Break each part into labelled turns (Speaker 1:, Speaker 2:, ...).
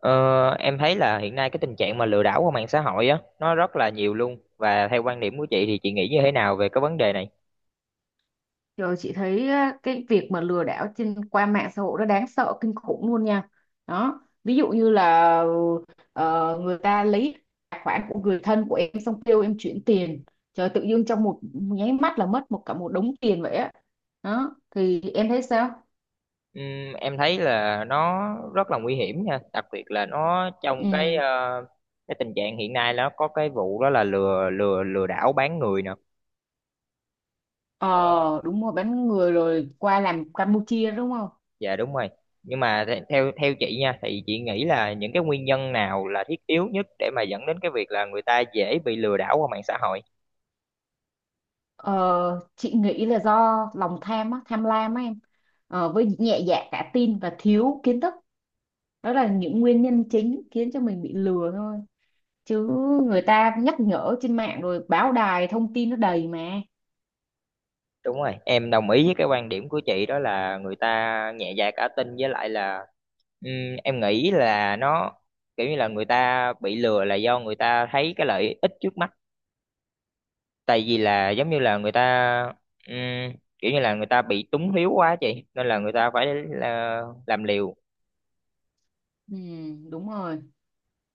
Speaker 1: Ờ, em thấy là hiện nay cái tình trạng mà lừa đảo qua mạng xã hội á nó rất là nhiều luôn và theo quan điểm của chị thì chị nghĩ như thế nào về cái vấn đề này?
Speaker 2: Rồi chị thấy á, cái việc mà lừa đảo qua mạng xã hội nó đáng sợ kinh khủng luôn nha. Đó, ví dụ như là người ta lấy tài khoản của người thân của em xong kêu em chuyển tiền. Trời tự dưng trong một nháy mắt là mất một cả một đống tiền vậy á. Đó, thì em thấy sao?
Speaker 1: Em thấy là nó rất là nguy hiểm nha, đặc biệt là nó trong cái
Speaker 2: Ừ.
Speaker 1: cái tình trạng hiện nay nó có cái vụ đó là lừa lừa lừa đảo bán người nè. Ờ,
Speaker 2: Ờ, đúng rồi, bán người rồi qua làm Campuchia đúng không?
Speaker 1: dạ đúng rồi. Nhưng mà the- theo theo chị nha thì chị nghĩ là những cái nguyên nhân nào là thiết yếu nhất để mà dẫn đến cái việc là người ta dễ bị lừa đảo qua mạng xã hội?
Speaker 2: Ờ, chị nghĩ là do lòng tham á, tham lam á em. Với nhẹ dạ cả tin và thiếu kiến thức, đó là những nguyên nhân chính khiến cho mình bị lừa thôi, chứ người ta nhắc nhở trên mạng rồi, báo đài thông tin nó đầy mà.
Speaker 1: Đúng rồi, em đồng ý với cái quan điểm của chị đó là người ta nhẹ dạ cả tin với lại là ừm, em nghĩ là nó kiểu như là người ta bị lừa là do người ta thấy cái lợi ích trước mắt. Tại vì là giống như là người ta ừm, kiểu như là người ta bị túng thiếu quá chị nên là người ta phải là làm liều.
Speaker 2: Ừ, đúng rồi.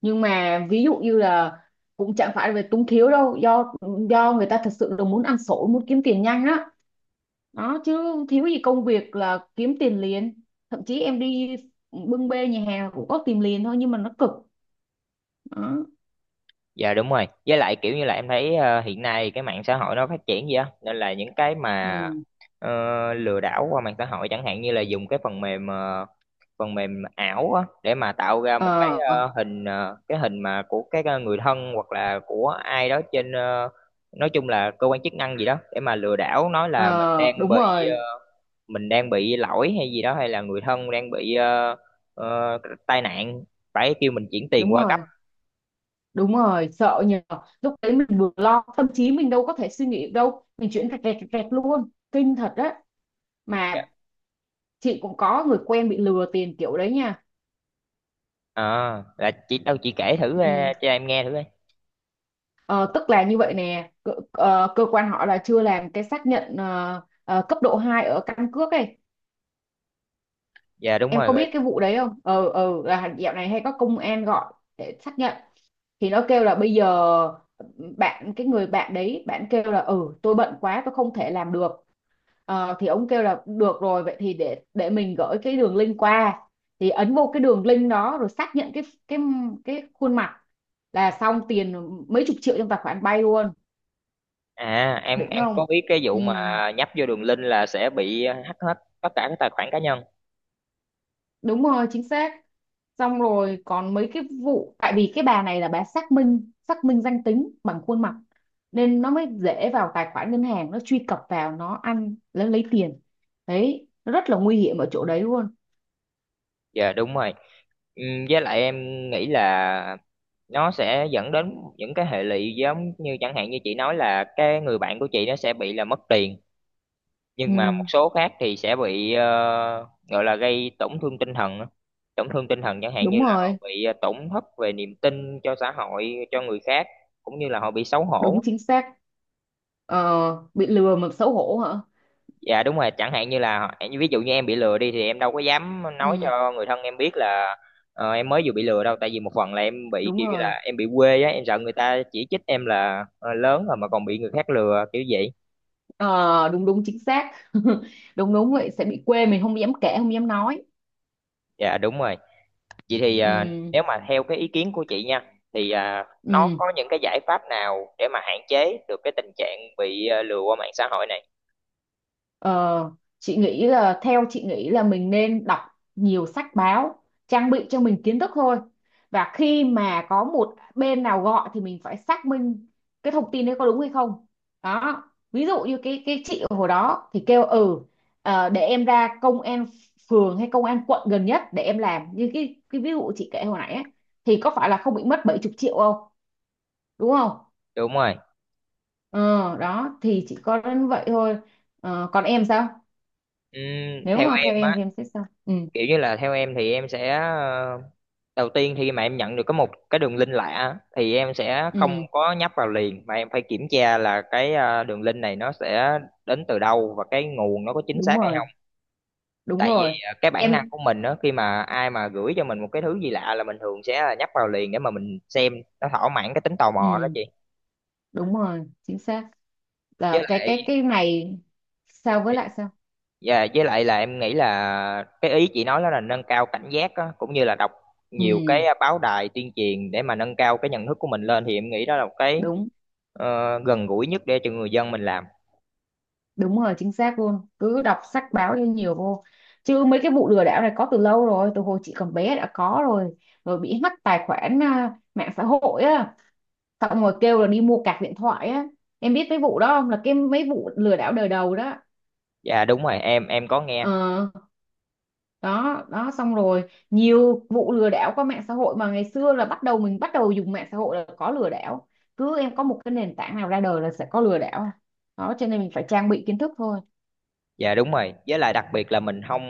Speaker 2: Nhưng mà ví dụ như là cũng chẳng phải về túng thiếu đâu, do người ta thật sự là muốn ăn xổi, muốn kiếm tiền nhanh á. Đó, chứ thiếu gì công việc là kiếm tiền liền, thậm chí em đi bưng bê nhà hàng cũng có tìm liền thôi nhưng mà nó cực. Đó.
Speaker 1: Dạ đúng rồi. Với lại kiểu như là em thấy hiện nay cái mạng xã hội nó phát triển gì á nên là những cái mà
Speaker 2: Ừ.
Speaker 1: ờ, lừa đảo qua mạng xã hội chẳng hạn như là dùng cái phần mềm phần mềm ảo á để mà tạo ra
Speaker 2: ờ
Speaker 1: một cái cái hình mà của cái người thân hoặc là của ai đó trên nói chung là cơ quan chức năng gì đó để mà lừa đảo, nói là mình
Speaker 2: ờ,
Speaker 1: đang
Speaker 2: Đúng
Speaker 1: bị
Speaker 2: rồi,
Speaker 1: mình đang bị lỗi hay gì đó, hay là người thân đang bị ờ, tai nạn phải kêu mình chuyển tiền
Speaker 2: đúng
Speaker 1: qua gấp.
Speaker 2: rồi. Đúng rồi, sợ nhờ. Lúc đấy mình vừa lo, tâm trí mình đâu có thể suy nghĩ được đâu. Mình chuyển rẹt rẹt rẹt rẹt luôn. Kinh thật đấy. Mà chị cũng có người quen bị lừa tiền kiểu đấy nha.
Speaker 1: Ờ, là chị đâu, chị kể thử
Speaker 2: Ừ.
Speaker 1: cho em nghe thử coi.
Speaker 2: Ờ, Tức là như vậy nè, cơ quan họ là chưa làm cái xác nhận cấp độ 2 ở căn cước ấy.
Speaker 1: Dạ đúng
Speaker 2: Em
Speaker 1: rồi
Speaker 2: có
Speaker 1: rồi.
Speaker 2: biết cái vụ đấy không? Ờ, là dạo này hay có công an gọi để xác nhận. Thì nó kêu là bây giờ bạn, cái người bạn đấy bạn kêu là ừ, tôi bận quá, tôi không thể làm được. Ờ, thì ông kêu là được rồi, vậy thì để mình gửi cái đường link qua, thì ấn vô cái đường link đó rồi xác nhận cái khuôn mặt là xong, tiền mấy chục triệu trong tài khoản bay luôn.
Speaker 1: À,
Speaker 2: Đỉnh
Speaker 1: em
Speaker 2: không?
Speaker 1: có biết cái vụ
Speaker 2: Ừ,
Speaker 1: mà nhấp vô đường link là sẽ bị hack hết tất cả các tài khoản cá nhân.
Speaker 2: đúng rồi, chính xác. Xong rồi còn mấy cái vụ, tại vì cái bà này là bà xác minh danh tính bằng khuôn mặt nên nó mới dễ vào tài khoản ngân hàng, nó truy cập vào, nó ăn, nó lấy tiền. Đấy, nó rất là nguy hiểm ở chỗ đấy luôn.
Speaker 1: Dạ đúng rồi. Với lại em nghĩ là nó sẽ dẫn đến những cái hệ lụy giống như chẳng hạn như chị nói là cái người bạn của chị nó sẽ bị là mất tiền,
Speaker 2: Ừ,
Speaker 1: nhưng mà một số khác thì sẽ bị gọi là gây tổn thương tinh thần á. Tổn thương tinh thần chẳng hạn như
Speaker 2: đúng
Speaker 1: là họ
Speaker 2: rồi.
Speaker 1: bị tổn thất về niềm tin cho xã hội, cho người khác, cũng như là họ bị xấu
Speaker 2: Đúng,
Speaker 1: hổ.
Speaker 2: chính xác. Ờ, bị lừa mà xấu hổ hả?
Speaker 1: Dạ đúng rồi, chẳng hạn như là họ- ví dụ như em bị lừa đi thì em đâu có dám
Speaker 2: Ừ,
Speaker 1: nói cho người thân em biết là em mới vừa bị lừa đâu, tại vì một phần là em bị
Speaker 2: đúng
Speaker 1: kiểu như
Speaker 2: rồi.
Speaker 1: là em bị quê á, em sợ người ta chỉ trích em là lớn rồi mà còn bị người khác lừa kiểu vậy.
Speaker 2: Ờ, đúng đúng, chính xác. Đúng đúng vậy, sẽ bị quê, mình không dám kể, không dám nói.
Speaker 1: Dạ đúng rồi. Vậy thì
Speaker 2: Ừ,
Speaker 1: nếu mà theo cái ý kiến của chị nha thì nó
Speaker 2: ừ.
Speaker 1: có những cái giải pháp nào để mà hạn chế được cái tình trạng bị lừa qua mạng xã hội này?
Speaker 2: Ờ, chị nghĩ là Theo chị nghĩ là mình nên đọc nhiều sách báo, trang bị cho mình kiến thức thôi, và khi mà có một bên nào gọi thì mình phải xác minh cái thông tin đấy có đúng hay không. Đó, ví dụ như cái chị ở hồi đó thì kêu ừ, để em ra công an phường hay công an quận gần nhất để em làm, như cái ví dụ chị kể hồi nãy ấy, thì có phải là không bị mất 70 triệu không, đúng không?
Speaker 1: Đúng rồi.
Speaker 2: ờ Đó, thì chỉ có đến vậy thôi. Ờ, còn em sao, nếu
Speaker 1: Theo
Speaker 2: mà
Speaker 1: em
Speaker 2: theo em
Speaker 1: á,
Speaker 2: thì em sẽ sao? Ừ,
Speaker 1: kiểu như là theo em thì em sẽ đầu tiên khi mà em nhận được có một cái đường link lạ á, thì em sẽ không
Speaker 2: ừ,
Speaker 1: có nhấp vào liền mà em phải kiểm tra là cái đường link này nó sẽ đến từ đâu và cái nguồn nó có chính
Speaker 2: đúng
Speaker 1: xác hay
Speaker 2: rồi,
Speaker 1: không.
Speaker 2: đúng
Speaker 1: Tại vì
Speaker 2: rồi
Speaker 1: cái bản năng
Speaker 2: em.
Speaker 1: của mình đó khi mà ai mà gửi cho mình một cái thứ gì lạ là mình thường sẽ là nhấp vào liền để mà mình xem, nó thỏa mãn cái tính tò mò đó
Speaker 2: Ừ,
Speaker 1: chị.
Speaker 2: đúng rồi, chính xác
Speaker 1: Với
Speaker 2: là cái cái
Speaker 1: lại
Speaker 2: cái này. Sao, với lại sao?
Speaker 1: dạ, với lại là em nghĩ là cái ý chị nói đó là nâng cao cảnh giác á, cũng như là đọc nhiều cái
Speaker 2: Ừ,
Speaker 1: báo đài tuyên truyền để mà nâng cao cái nhận thức của mình lên thì em nghĩ đó là một cái
Speaker 2: đúng,
Speaker 1: gần gũi nhất để cho người dân mình làm.
Speaker 2: đúng rồi, chính xác luôn, cứ đọc sách báo cho nhiều vô, chứ mấy cái vụ lừa đảo này có từ lâu rồi, từ hồi chị còn bé đã có rồi rồi bị hack tài khoản à, mạng xã hội á, xong rồi kêu là đi mua cạc điện thoại á. Em biết mấy vụ đó không, là cái mấy vụ lừa đảo đời đầu đó.
Speaker 1: Dạ đúng rồi, em có nghe.
Speaker 2: ờ Đó đó, xong rồi nhiều vụ lừa đảo qua mạng xã hội mà ngày xưa là bắt đầu mình bắt đầu dùng mạng xã hội là có lừa đảo. Cứ em có một cái nền tảng nào ra đời là sẽ có lừa đảo. Đó, cho nên mình phải trang bị kiến thức thôi.
Speaker 1: Dạ đúng rồi, với lại đặc biệt là mình không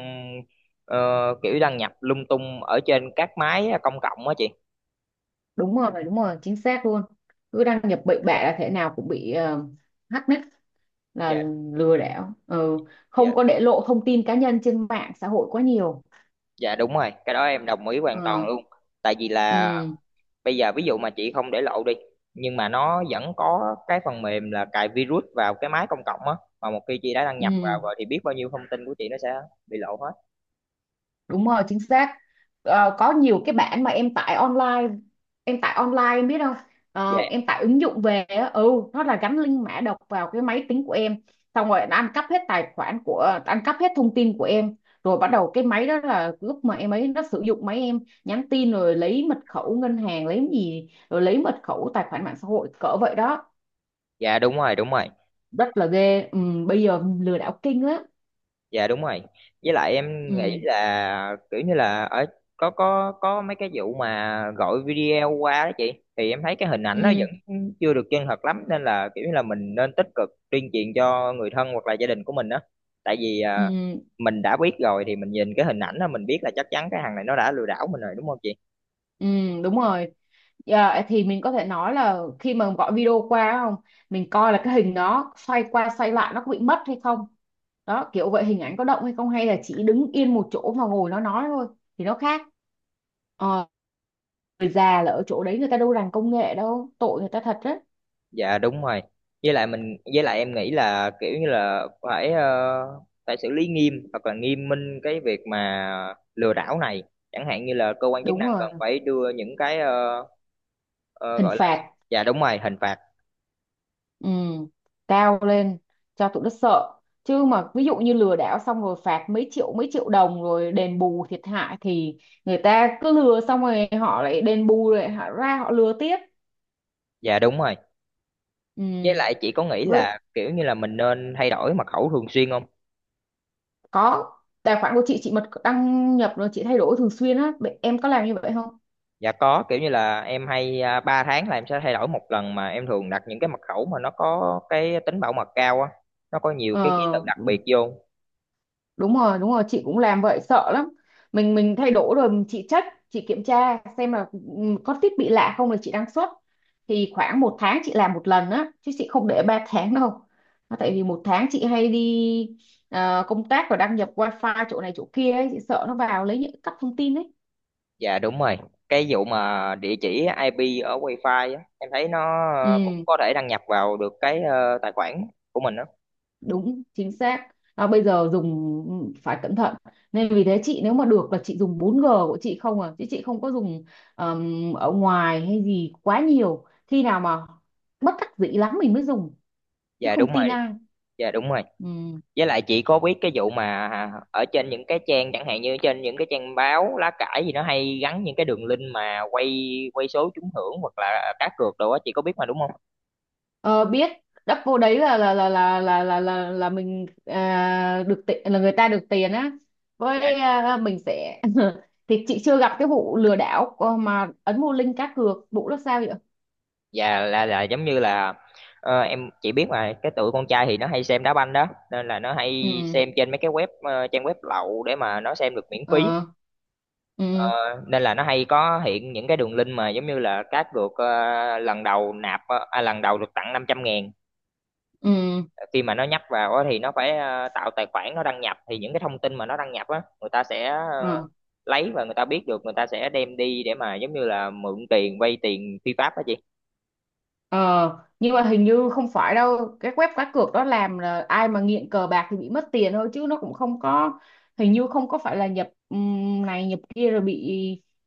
Speaker 1: ờ, kiểu đăng nhập lung tung ở trên các máy công cộng á chị.
Speaker 2: Đúng rồi, đúng rồi, chính xác luôn. Cứ đăng nhập bậy bạ là thế nào cũng bị hack nick, là
Speaker 1: Dạ,
Speaker 2: lừa đảo. Ừ. Không
Speaker 1: dạ
Speaker 2: có để lộ thông tin cá nhân trên mạng xã hội quá nhiều.
Speaker 1: dạ đúng rồi, cái đó em đồng ý hoàn toàn
Speaker 2: Ờ,
Speaker 1: luôn. Tại vì là
Speaker 2: ừ,
Speaker 1: bây giờ ví dụ mà chị không để lộ đi, nhưng mà nó vẫn có cái phần mềm là cài virus vào cái máy công cộng á, mà một khi chị đã đăng nhập
Speaker 2: ừ.
Speaker 1: vào rồi thì biết bao nhiêu thông tin của chị nó sẽ bị lộ hết.
Speaker 2: Đúng rồi, chính xác. Ờ, có nhiều cái bản mà em tải online, em biết không?
Speaker 1: dạ
Speaker 2: Ờ, em tải ứng dụng về á, nó là gắn link mã độc vào cái máy tính của em, xong rồi nó ăn cắp hết tài khoản của, ăn cắp hết thông tin của em, rồi bắt đầu cái máy đó là lúc mà em ấy, nó sử dụng máy em nhắn tin, rồi lấy mật khẩu ngân hàng, lấy gì, rồi lấy mật khẩu tài khoản mạng xã hội, cỡ vậy đó.
Speaker 1: dạ đúng rồi đúng rồi.
Speaker 2: Rất là ghê. Ừ, Bây giờ lừa đảo kinh lắm.
Speaker 1: Dạ đúng rồi, với lại em nghĩ
Speaker 2: Ừ,
Speaker 1: là kiểu như là ở có mấy cái vụ mà gọi video qua đó chị, thì em thấy cái hình ảnh nó
Speaker 2: ừ,
Speaker 1: vẫn chưa được chân thật lắm nên là kiểu như là mình nên tích cực tuyên truyền cho người thân hoặc là gia đình của mình đó. Tại vì
Speaker 2: ừ.
Speaker 1: mình đã biết rồi thì mình nhìn cái hình ảnh đó mình biết là chắc chắn cái thằng này nó đã lừa đảo mình rồi đúng không chị.
Speaker 2: Ừ, đúng rồi. Dạ, thì mình có thể nói là khi mà gọi video qua không, mình coi là cái hình đó xoay qua xoay lại nó có bị mất hay không. Đó, kiểu vậy, hình ảnh có động hay không, hay là chỉ đứng yên một chỗ mà ngồi nó nói thôi, thì nó khác. Ờ, người già là ở chỗ đấy, người ta đâu rành công nghệ đâu, tội người ta thật đấy.
Speaker 1: Dạ đúng rồi, với lại mình với lại em nghĩ là kiểu như là phải phải xử lý nghiêm hoặc là nghiêm minh cái việc mà lừa đảo này, chẳng hạn như là cơ quan chức
Speaker 2: Đúng
Speaker 1: năng
Speaker 2: rồi,
Speaker 1: cần phải đưa những cái
Speaker 2: hình
Speaker 1: gọi là
Speaker 2: phạt.
Speaker 1: dạ đúng rồi hình phạt.
Speaker 2: Ừ, cao lên cho tụi nó sợ, chứ mà ví dụ như lừa đảo xong rồi phạt mấy triệu đồng rồi đền bù thiệt hại thì người ta cứ lừa xong rồi họ lại đền bù, rồi họ ra họ lừa tiếp.
Speaker 1: Dạ đúng rồi, với
Speaker 2: Ừ.
Speaker 1: lại chị có nghĩ
Speaker 2: Vậy
Speaker 1: là kiểu như là mình nên thay đổi mật khẩu thường xuyên không?
Speaker 2: có, tài khoản của chị mà đăng nhập rồi chị thay đổi thường xuyên á. Vậy em có làm như vậy không?
Speaker 1: Dạ có, kiểu như là em hay 3 tháng là em sẽ thay đổi 1 lần, mà em thường đặt những cái mật khẩu mà nó có cái tính bảo mật cao á, nó có nhiều cái ký tự
Speaker 2: ờ
Speaker 1: đặc biệt vô.
Speaker 2: Đúng rồi, đúng rồi, chị cũng làm vậy, sợ lắm. Mình thay đổi rồi, chị kiểm tra xem là, có thiết bị lạ không là chị đăng xuất. Thì khoảng một tháng chị làm một lần á, chứ chị không để 3 tháng đâu. Nó, tại vì một tháng chị hay đi công tác và đăng nhập wifi chỗ này chỗ kia ấy, chị sợ nó vào lấy, những cắp thông tin ấy.
Speaker 1: Dạ đúng rồi. Cái vụ mà địa chỉ IP ở Wi-Fi á, em thấy nó cũng
Speaker 2: ừ
Speaker 1: có thể đăng nhập vào được cái tài khoản của mình đó.
Speaker 2: Đúng, chính xác. Bây giờ dùng, phải cẩn thận, nên vì thế chị, nếu mà được là chị dùng 4G của chị không à, chứ chị không có dùng, ở ngoài hay gì quá nhiều. Khi nào mà bất đắc dĩ lắm mình mới dùng, chứ
Speaker 1: Dạ đúng
Speaker 2: không tin
Speaker 1: rồi.
Speaker 2: ai.
Speaker 1: Dạ đúng rồi.
Speaker 2: Ừm.
Speaker 1: Với lại chị có biết cái vụ mà ở trên những cái trang chẳng hạn như trên những cái trang báo lá cải gì nó hay gắn những cái đường link mà quay quay số trúng thưởng hoặc là cá cược đồ á chị có biết mà đúng không?
Speaker 2: Ờ, biết. Đắp vô đấy là là mình được tiền, là người ta được tiền á,
Speaker 1: Dạ.
Speaker 2: với mình sẽ thì chị chưa gặp cái vụ lừa đảo mà ấn mua link cá cược, vụ đó sao vậy?
Speaker 1: Dạ là giống như là em chỉ biết mà cái tụi con trai thì nó hay xem đá banh đó nên là nó hay
Speaker 2: Ừ.
Speaker 1: xem trên mấy cái web trang web lậu để mà nó xem được miễn phí.
Speaker 2: Ờ.
Speaker 1: Ờ,
Speaker 2: Ừ,
Speaker 1: nên là nó hay có hiện những cái đường link mà giống như là cát được ờ, lần đầu nạp ờ, à, lần đầu được tặng 500.000.
Speaker 2: ừ,
Speaker 1: Khi mà nó nhấp vào á thì nó phải tạo tài khoản, nó đăng nhập thì những cái thông tin mà nó đăng nhập á người ta sẽ ờ,
Speaker 2: ừ.
Speaker 1: lấy và người ta biết được, người ta sẽ đem đi để mà giống như là mượn tiền vay tiền phi pháp đó chị.
Speaker 2: Ờ nhưng mà hình như không phải đâu, cái web cá cược đó làm là ai mà nghiện cờ bạc thì bị mất tiền thôi, chứ nó cũng không có. Hình như không có phải là nhập này, nhập kia rồi bị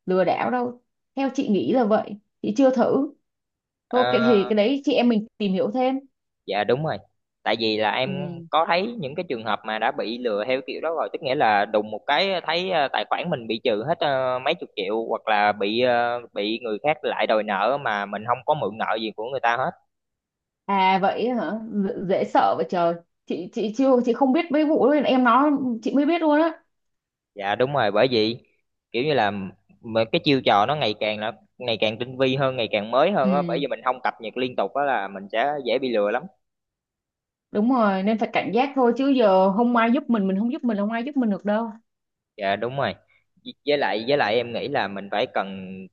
Speaker 2: lừa đảo đâu, theo chị nghĩ là vậy. Chị chưa thử. Thôi cái,
Speaker 1: Ờ,
Speaker 2: thì cái đấy chị em mình tìm hiểu thêm.
Speaker 1: dạ đúng rồi. Tại vì là em
Speaker 2: Ừ.
Speaker 1: có thấy những cái trường hợp mà đã bị lừa theo kiểu đó rồi, tức nghĩa là đùng một cái thấy tài khoản mình bị trừ hết mấy chục triệu hoặc là bị bị người khác lại đòi nợ mà mình không có mượn nợ gì của người ta hết.
Speaker 2: Vậy hả? Dễ sợ vậy trời. Chị không biết mấy vụ đó em nói, chị mới biết luôn á.
Speaker 1: Dạ đúng rồi, bởi vì kiểu như là mà cái chiêu trò nó ngày càng là ngày càng tinh vi hơn, ngày càng mới hơn á, bởi vì
Speaker 2: Ừ,
Speaker 1: mình không cập nhật liên tục á là mình sẽ dễ bị lừa lắm.
Speaker 2: đúng rồi, nên phải cảnh giác thôi, chứ giờ không ai giúp mình không giúp mình, không ai giúp mình được đâu.
Speaker 1: Dạ đúng rồi, với lại em nghĩ là mình phải cần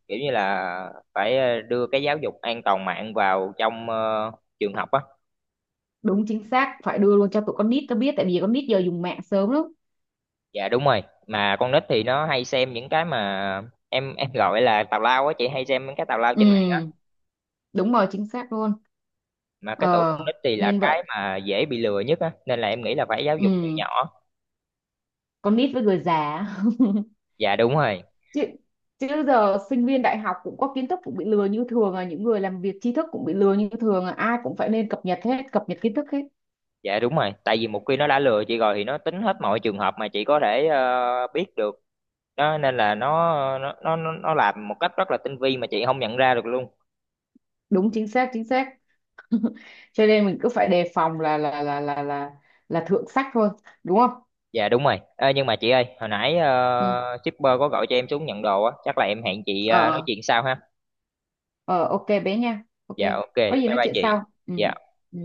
Speaker 1: kiểu như là phải đưa cái giáo dục an toàn mạng vào trong trường học á.
Speaker 2: Đúng, chính xác, phải đưa luôn cho tụi con nít nó biết, tại vì con nít giờ dùng mạng sớm lắm.
Speaker 1: Dạ đúng rồi, mà con nít thì nó hay xem những cái mà em gọi là tào lao á chị, hay xem những cái tào lao trên mạng á.
Speaker 2: Ừ, đúng rồi, chính xác luôn.
Speaker 1: Mà cái tuổi
Speaker 2: ờ
Speaker 1: con nít thì là
Speaker 2: Nên vậy.
Speaker 1: cái mà dễ bị lừa nhất á, nên là em nghĩ là phải giáo dục từ
Speaker 2: Ừ,
Speaker 1: nhỏ.
Speaker 2: con nít với người già.
Speaker 1: Dạ đúng rồi.
Speaker 2: chứ chứ giờ sinh viên đại học cũng có kiến thức cũng bị lừa như thường à, những người làm việc tri thức cũng bị lừa như thường à, ai cũng phải nên cập nhật hết, cập nhật kiến thức hết.
Speaker 1: Dạ đúng rồi, tại vì một khi nó đã lừa chị rồi thì nó tính hết mọi trường hợp mà chị có thể biết được đó, nên là nó làm một cách rất là tinh vi mà chị không nhận ra được luôn.
Speaker 2: Đúng, chính xác, chính xác. Cho nên mình cứ phải đề phòng là thượng sách thôi, đúng không?
Speaker 1: Dạ đúng rồi. Ê, nhưng mà chị ơi, hồi nãy
Speaker 2: Ừ.
Speaker 1: shipper có gọi cho em xuống nhận đồ á, chắc là em hẹn chị nói
Speaker 2: ờ
Speaker 1: chuyện sau ha.
Speaker 2: ờ, ok bé nha, ok,
Speaker 1: Dạ ok
Speaker 2: có gì
Speaker 1: bye
Speaker 2: nói
Speaker 1: bye
Speaker 2: chuyện
Speaker 1: chị.
Speaker 2: sau. Ừ,
Speaker 1: Dạ.
Speaker 2: ừ.